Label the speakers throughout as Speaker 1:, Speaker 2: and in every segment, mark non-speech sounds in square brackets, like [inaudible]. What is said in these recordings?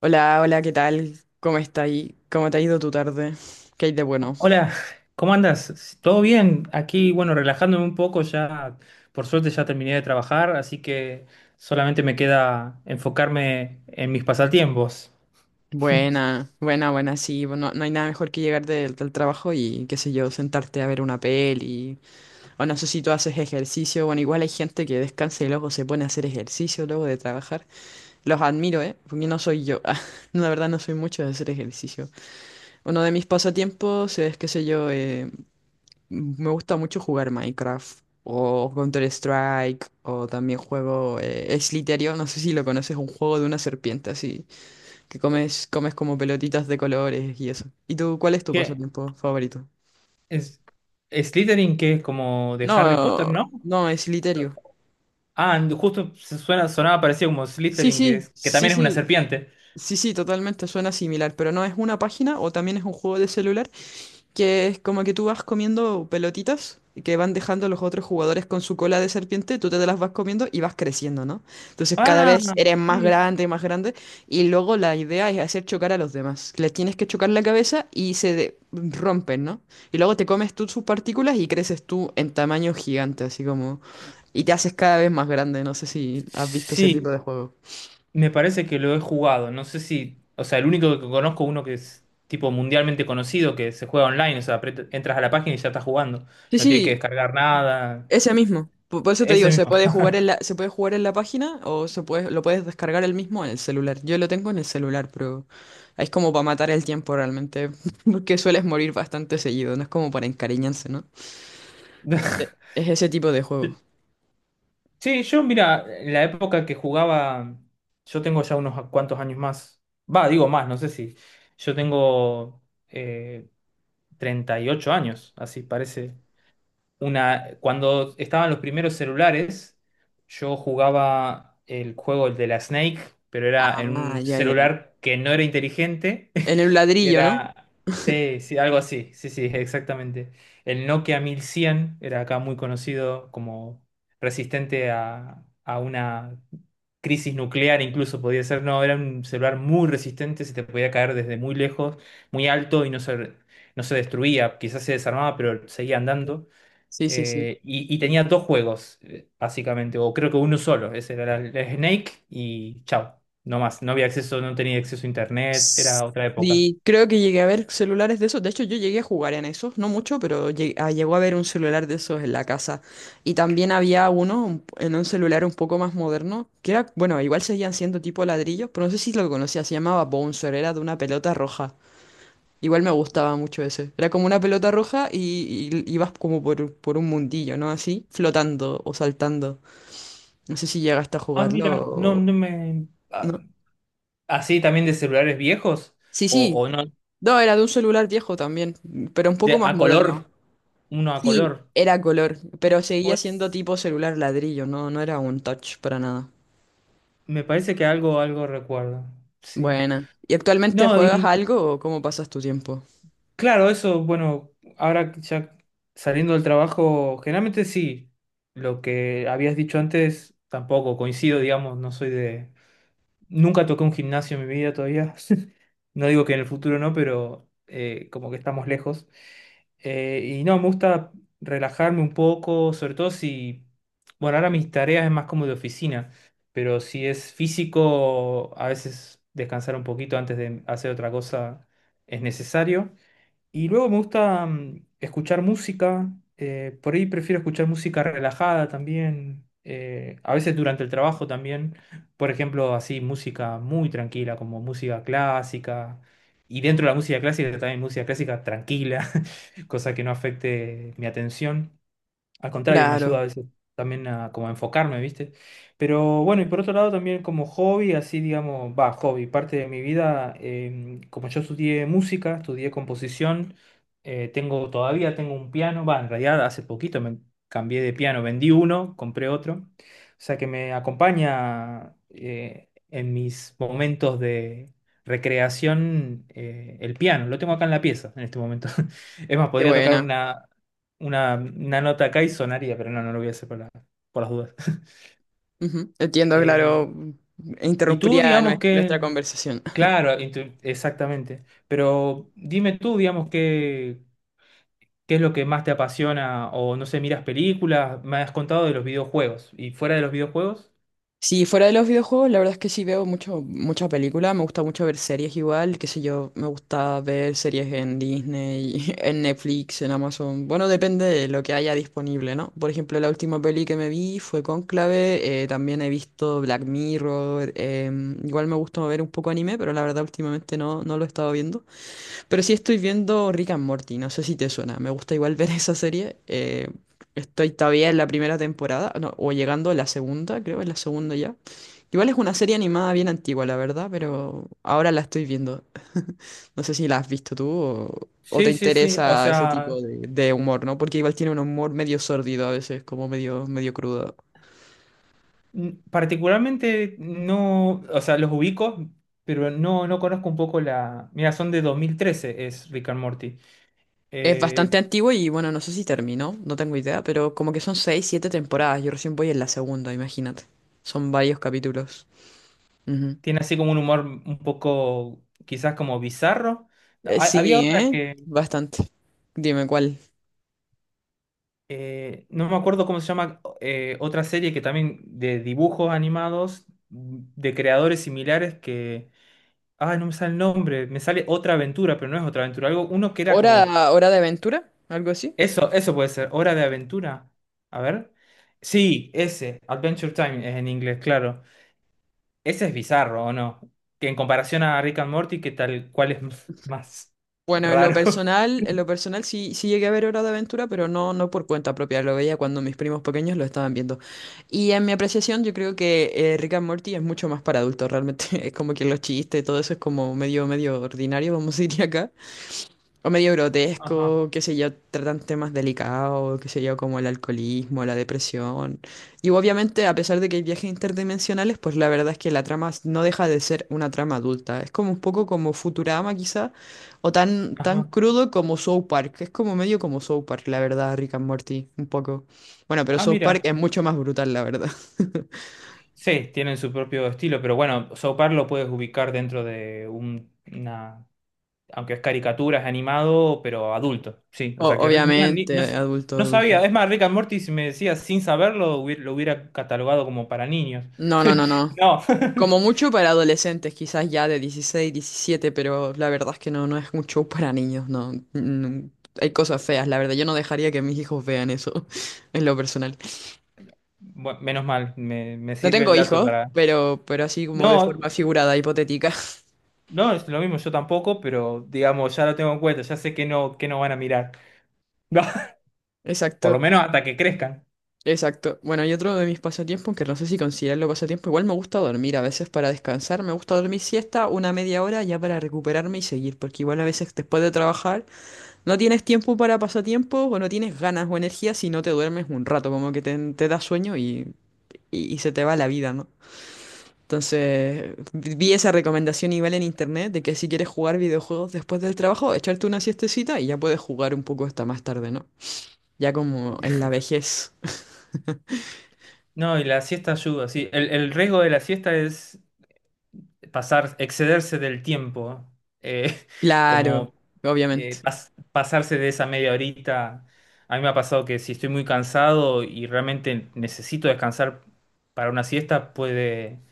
Speaker 1: Hola, hola, ¿qué tal? ¿Cómo está ahí? ¿Cómo te ha ido tu tarde? ¿Qué hay de bueno?
Speaker 2: Hola, ¿cómo andas? ¿Todo bien? Aquí, bueno, relajándome un poco, ya por suerte ya terminé de trabajar, así que solamente me queda enfocarme en mis pasatiempos.
Speaker 1: Buena, buena, buena, sí. No, no hay nada mejor que llegar del trabajo y, qué sé yo, sentarte a ver una peli. O no sé si tú haces ejercicio. Bueno, igual hay gente que descansa y luego se pone a hacer ejercicio luego de trabajar. Los admiro, ¿eh? Porque no soy yo. [laughs] La verdad no soy mucho de hacer ejercicio. Uno de mis pasatiempos es, qué sé yo, me gusta mucho jugar Minecraft o Counter-Strike o también juego Slytherin, no sé si lo conoces, un juego de una serpiente así, que comes, comes como pelotitas de colores y eso. ¿Y tú cuál es tu
Speaker 2: ¿Qué?
Speaker 1: pasatiempo favorito?
Speaker 2: Es, Slytherin, que es como de Harry Potter,
Speaker 1: No,
Speaker 2: ¿no?
Speaker 1: no, es Slytherin.
Speaker 2: Ah, justo se suena, sonaba parecido como
Speaker 1: Sí,
Speaker 2: Slytherin, que
Speaker 1: sí,
Speaker 2: es, que
Speaker 1: sí,
Speaker 2: también es una
Speaker 1: sí,
Speaker 2: serpiente.
Speaker 1: sí, sí, totalmente suena similar, pero no es una página o también es un juego de celular, que es como que tú vas comiendo pelotitas y que van dejando los otros jugadores con su cola de serpiente, tú te las vas comiendo y vas creciendo, ¿no? Entonces cada
Speaker 2: Ah,
Speaker 1: vez eres más
Speaker 2: sí.
Speaker 1: grande y más grande, y luego la idea es hacer chocar a los demás. Les tienes que chocar la cabeza y se rompen, ¿no? Y luego te comes tú sus partículas y creces tú en tamaño gigante, así como... Y te haces cada vez más grande, no sé si has visto ese tipo
Speaker 2: Sí,
Speaker 1: de juego.
Speaker 2: me parece que lo he jugado. No sé si. O sea, el único que conozco, uno que es tipo mundialmente conocido, que se juega online. O sea, entras a la página y ya estás jugando.
Speaker 1: Sí,
Speaker 2: No tienes que
Speaker 1: sí,
Speaker 2: descargar nada.
Speaker 1: ese mismo. Por eso te digo,
Speaker 2: Ese
Speaker 1: se
Speaker 2: mismo.
Speaker 1: puede jugar en la, se puede jugar en la página o se puede, lo puedes descargar el mismo en el celular. Yo lo tengo en el celular, pero es como para matar el tiempo realmente, [laughs] porque sueles morir bastante seguido, no es como para encariñarse, ¿no?
Speaker 2: [laughs]
Speaker 1: Es ese tipo de juego.
Speaker 2: Sí, yo, mira, en la época que jugaba. Yo tengo ya unos cuantos años más. Va, digo más, no sé si. Yo tengo eh, 38 años, así parece. Una, cuando estaban los primeros celulares, yo jugaba el juego el de la Snake, pero era en
Speaker 1: Ah,
Speaker 2: un
Speaker 1: ya, ya, ya.
Speaker 2: celular que no era inteligente,
Speaker 1: En el
Speaker 2: [laughs] que
Speaker 1: ladrillo, ¿no?
Speaker 2: era, sí, sí, algo así, sí, sí, exactamente. El Nokia 1100 era acá muy conocido como resistente a una crisis nuclear, incluso podía ser, no, era un celular muy resistente, se te podía caer desde muy lejos, muy alto y no se, no se destruía, quizás se desarmaba, pero seguía andando.
Speaker 1: Sí, sí, sí.
Speaker 2: Y tenía dos juegos, básicamente, o creo que uno solo. Ese era el Snake y chao. No más, no había acceso, no tenía acceso a internet, era otra época.
Speaker 1: Sí, creo que llegué a ver celulares de esos. De hecho, yo llegué a jugar en esos, no mucho, pero llegó a ver un celular de esos en la casa. Y también había uno en un celular un poco más moderno, que era, bueno, igual seguían siendo tipo ladrillos, pero no sé si lo conocía, se llamaba Bouncer, era de una pelota roja. Igual me gustaba mucho ese. Era como una pelota roja y ibas como por un mundillo, ¿no? Así, flotando o saltando. No sé si llegaste a
Speaker 2: Ah,
Speaker 1: jugarlo
Speaker 2: mira, no,
Speaker 1: o... ¿No?
Speaker 2: ¿así también de celulares viejos?
Speaker 1: Sí, sí,
Speaker 2: O no?
Speaker 1: no, era de un celular viejo también, pero un poco
Speaker 2: De,
Speaker 1: más
Speaker 2: a
Speaker 1: moderno.
Speaker 2: color, uno a
Speaker 1: Sí,
Speaker 2: color.
Speaker 1: era color, pero seguía siendo
Speaker 2: Pues
Speaker 1: tipo celular ladrillo, no, no era un touch para nada.
Speaker 2: me parece que algo, algo recuerdo. Sí.
Speaker 1: Buena. ¿Y actualmente
Speaker 2: No,
Speaker 1: juegas
Speaker 2: y
Speaker 1: algo o cómo pasas tu tiempo?
Speaker 2: claro, eso, bueno, ahora ya saliendo del trabajo, generalmente sí. Lo que habías dicho antes, tampoco coincido, digamos, no soy de... Nunca toqué un gimnasio en mi vida todavía. [laughs] No digo que en el futuro no, pero como que estamos lejos. Y no, me gusta relajarme un poco, sobre todo si... Bueno, ahora mis tareas es más como de oficina, pero si es físico, a veces descansar un poquito antes de hacer otra cosa es necesario. Y luego me gusta escuchar música, por ahí prefiero escuchar música relajada también, a veces durante el trabajo también, por ejemplo, así música muy tranquila, como música clásica, y dentro de la música clásica también música clásica tranquila, [laughs] cosa que no afecte mi atención. Al contrario, me ayuda a
Speaker 1: Claro,
Speaker 2: veces también a como a enfocarme, ¿viste? Pero bueno, y por otro lado también como hobby, así digamos, va, hobby, parte de mi vida, como yo estudié música, estudié composición, tengo todavía tengo un piano, va, en realidad hace poquito me cambié de piano, vendí uno, compré otro, o sea que me acompaña en mis momentos de recreación el piano, lo tengo acá en la pieza en este momento. [laughs] Es más,
Speaker 1: qué
Speaker 2: podría tocar
Speaker 1: buena.
Speaker 2: una nota acá y sonaría, pero no, no lo voy a hacer por las dudas. [laughs]
Speaker 1: Ujú, entiendo,
Speaker 2: Em,
Speaker 1: claro,
Speaker 2: y tú,
Speaker 1: interrumpiría
Speaker 2: digamos
Speaker 1: nuestra
Speaker 2: que,
Speaker 1: conversación.
Speaker 2: claro, exactamente, pero dime tú, digamos, que, qué es lo que más te apasiona o no sé, miras películas, me has contado de los videojuegos y fuera de los videojuegos.
Speaker 1: Sí, fuera de los videojuegos, la verdad es que sí veo mucho, mucha película, me gusta mucho ver series igual, qué sé yo, me gusta ver series en Disney, [laughs] en Netflix, en Amazon, bueno, depende de lo que haya disponible, ¿no? Por ejemplo, la última peli que me vi fue Cónclave, también he visto Black Mirror, igual me gusta ver un poco anime, pero la verdad últimamente no, no lo he estado viendo. Pero sí estoy viendo Rick and Morty, no sé si te suena. Me gusta igual [laughs] ver esa serie. Estoy todavía en la primera temporada, no, o llegando a la segunda, creo, en la segunda ya. Igual es una serie animada bien antigua, la verdad, pero ahora la estoy viendo. No sé si la has visto tú o te
Speaker 2: Sí, sí, sí, o
Speaker 1: interesa ese
Speaker 2: sea,
Speaker 1: tipo de humor, ¿no? Porque igual tiene un humor medio sórdido a veces, como medio, medio crudo.
Speaker 2: particularmente no, o sea, los ubico, pero no, no conozco un poco la... Mira, son de 2013, es Rick and Morty.
Speaker 1: Es
Speaker 2: Eh,
Speaker 1: bastante antiguo y bueno, no sé si terminó, no tengo idea, pero como que son seis, siete temporadas. Yo recién voy en la segunda, imagínate. Son varios capítulos. Ujú.
Speaker 2: Tiene así como un humor un poco, quizás como bizarro. Había
Speaker 1: Sí,
Speaker 2: otra
Speaker 1: ¿eh?
Speaker 2: que,
Speaker 1: Bastante. Dime cuál.
Speaker 2: no me acuerdo cómo se llama, otra serie que también de dibujos animados, de creadores similares que... Ah, no me sale el nombre, me sale Otra Aventura, pero no es Otra Aventura, algo, uno que era
Speaker 1: ¿Hora,
Speaker 2: como...
Speaker 1: hora de aventura? ¿Algo así?
Speaker 2: Eso puede ser, Hora de Aventura. A ver. Sí, ese, Adventure Time es en inglés, claro. Ese es bizarro, ¿o no? Que en comparación a Rick and Morty, que tal cual es [laughs] más
Speaker 1: Bueno,
Speaker 2: raro.
Speaker 1: en lo personal sí, sí llegué a ver Hora de Aventura, pero no, no por cuenta propia, lo veía cuando mis primos pequeños lo estaban viendo. Y en mi apreciación, yo creo que Rick and Morty es mucho más para adultos, realmente. [laughs] Es como que los chistes y todo eso es como medio, medio ordinario, vamos a decir acá. O medio
Speaker 2: Ajá.
Speaker 1: grotesco, qué sé yo, tratan temas delicados, qué sé yo, como el alcoholismo, la depresión. Y obviamente, a pesar de que hay viajes interdimensionales, pues la verdad es que la trama no deja de ser una trama adulta. Es como un poco como Futurama quizá, o tan, tan
Speaker 2: Ajá.
Speaker 1: crudo como South Park. Es como medio como South Park, la verdad, Rick and Morty, un poco. Bueno, pero
Speaker 2: Ah,
Speaker 1: South Park
Speaker 2: mira,
Speaker 1: es mucho más brutal, la verdad. [laughs]
Speaker 2: sí, tienen su propio estilo, pero bueno, South Park lo puedes ubicar dentro de una, aunque es caricatura, es animado, pero adulto, sí, o sea que mira,
Speaker 1: Obviamente, adulto,
Speaker 2: no
Speaker 1: adulto.
Speaker 2: sabía, es más, Rick and Morty, si me decías sin saberlo, lo hubiera catalogado como para niños.
Speaker 1: No, no,
Speaker 2: [laughs]
Speaker 1: no, no.
Speaker 2: No,
Speaker 1: Como
Speaker 2: [laughs]
Speaker 1: mucho para adolescentes, quizás ya de dieciséis, diecisiete, pero la verdad es que no, no es un show para niños, no. Mm, hay cosas feas, la verdad. Yo no dejaría que mis hijos vean eso, [laughs] en lo personal.
Speaker 2: bueno, menos mal, me
Speaker 1: No
Speaker 2: sirve
Speaker 1: tengo
Speaker 2: el dato
Speaker 1: hijos,
Speaker 2: para...
Speaker 1: pero así como de
Speaker 2: No,
Speaker 1: forma figurada, hipotética. [laughs]
Speaker 2: no, es lo mismo, yo tampoco, pero digamos, ya lo tengo en cuenta, ya sé que no van a mirar, [laughs] no, por lo
Speaker 1: Exacto,
Speaker 2: menos hasta que crezcan.
Speaker 1: exacto. Bueno, y otro de mis pasatiempos, que no sé si considerarlo pasatiempo, igual me gusta dormir a veces para descansar, me gusta dormir siesta una media hora ya para recuperarme y seguir, porque igual a veces después de trabajar... No tienes tiempo para pasatiempos o no tienes ganas o energía si no te duermes un rato, como que te da sueño y se te va la vida, ¿no? Entonces, vi esa recomendación igual en internet de que si quieres jugar videojuegos después del trabajo, echarte una siestecita y ya puedes jugar un poco hasta más tarde, ¿no? Ya como en la vejez.
Speaker 2: No, y la siesta ayuda, sí. El riesgo de la siesta es pasar, excederse del tiempo, eh, [laughs]
Speaker 1: Claro,
Speaker 2: como
Speaker 1: obviamente.
Speaker 2: pasarse de esa media horita. A mí me ha pasado que si estoy muy cansado y realmente necesito descansar para una siesta, puede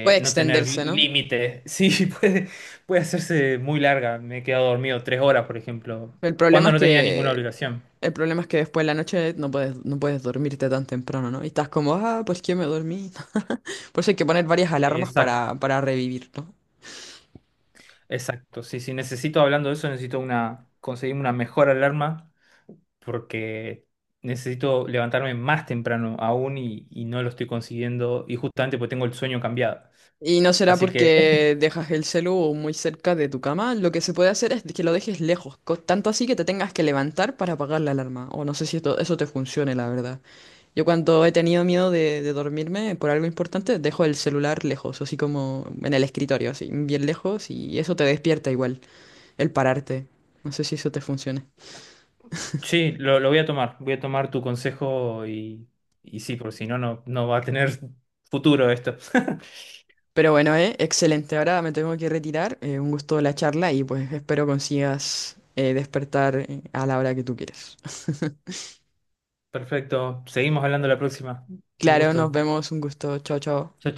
Speaker 1: Puede
Speaker 2: no tener
Speaker 1: extenderse, ¿no?
Speaker 2: límite. [laughs] Sí, puede, puede hacerse muy larga. Me he quedado dormido 3 horas, por ejemplo,
Speaker 1: El problema
Speaker 2: cuando
Speaker 1: es
Speaker 2: no tenía ninguna
Speaker 1: que
Speaker 2: obligación.
Speaker 1: el problema es que después de la noche no puedes, no puedes dormirte tan temprano, ¿no? Y estás como, "Ah, pues que me dormí." Por eso hay que poner varias alarmas
Speaker 2: Exacto.
Speaker 1: para revivir, ¿no?
Speaker 2: Exacto, sí, sí, necesito, hablando de eso, necesito una, conseguirme una mejor alarma porque necesito levantarme más temprano aún y no lo estoy consiguiendo y justamente porque tengo el sueño cambiado.
Speaker 1: Y no será
Speaker 2: Así que
Speaker 1: porque dejas el celu muy cerca de tu cama. Lo que se puede hacer es que lo dejes lejos, tanto así que te tengas que levantar para apagar la alarma. O no sé si eso te funcione, la verdad. Yo cuando he tenido miedo de dormirme por algo importante, dejo el celular lejos, así como en el escritorio, así, bien lejos, y eso te despierta igual, el pararte. No sé si eso te funciona.
Speaker 2: sí, lo voy a tomar tu consejo y sí, porque si no, no, no va a tener futuro esto. [laughs]
Speaker 1: Pero bueno, excelente. Ahora me tengo que retirar. Un gusto la charla y pues espero consigas despertar a la hora que tú quieres. [laughs]
Speaker 2: Perfecto, seguimos hablando la próxima. Un
Speaker 1: Claro, nos
Speaker 2: gusto.
Speaker 1: vemos. Un gusto. Chao, chao.
Speaker 2: Chao,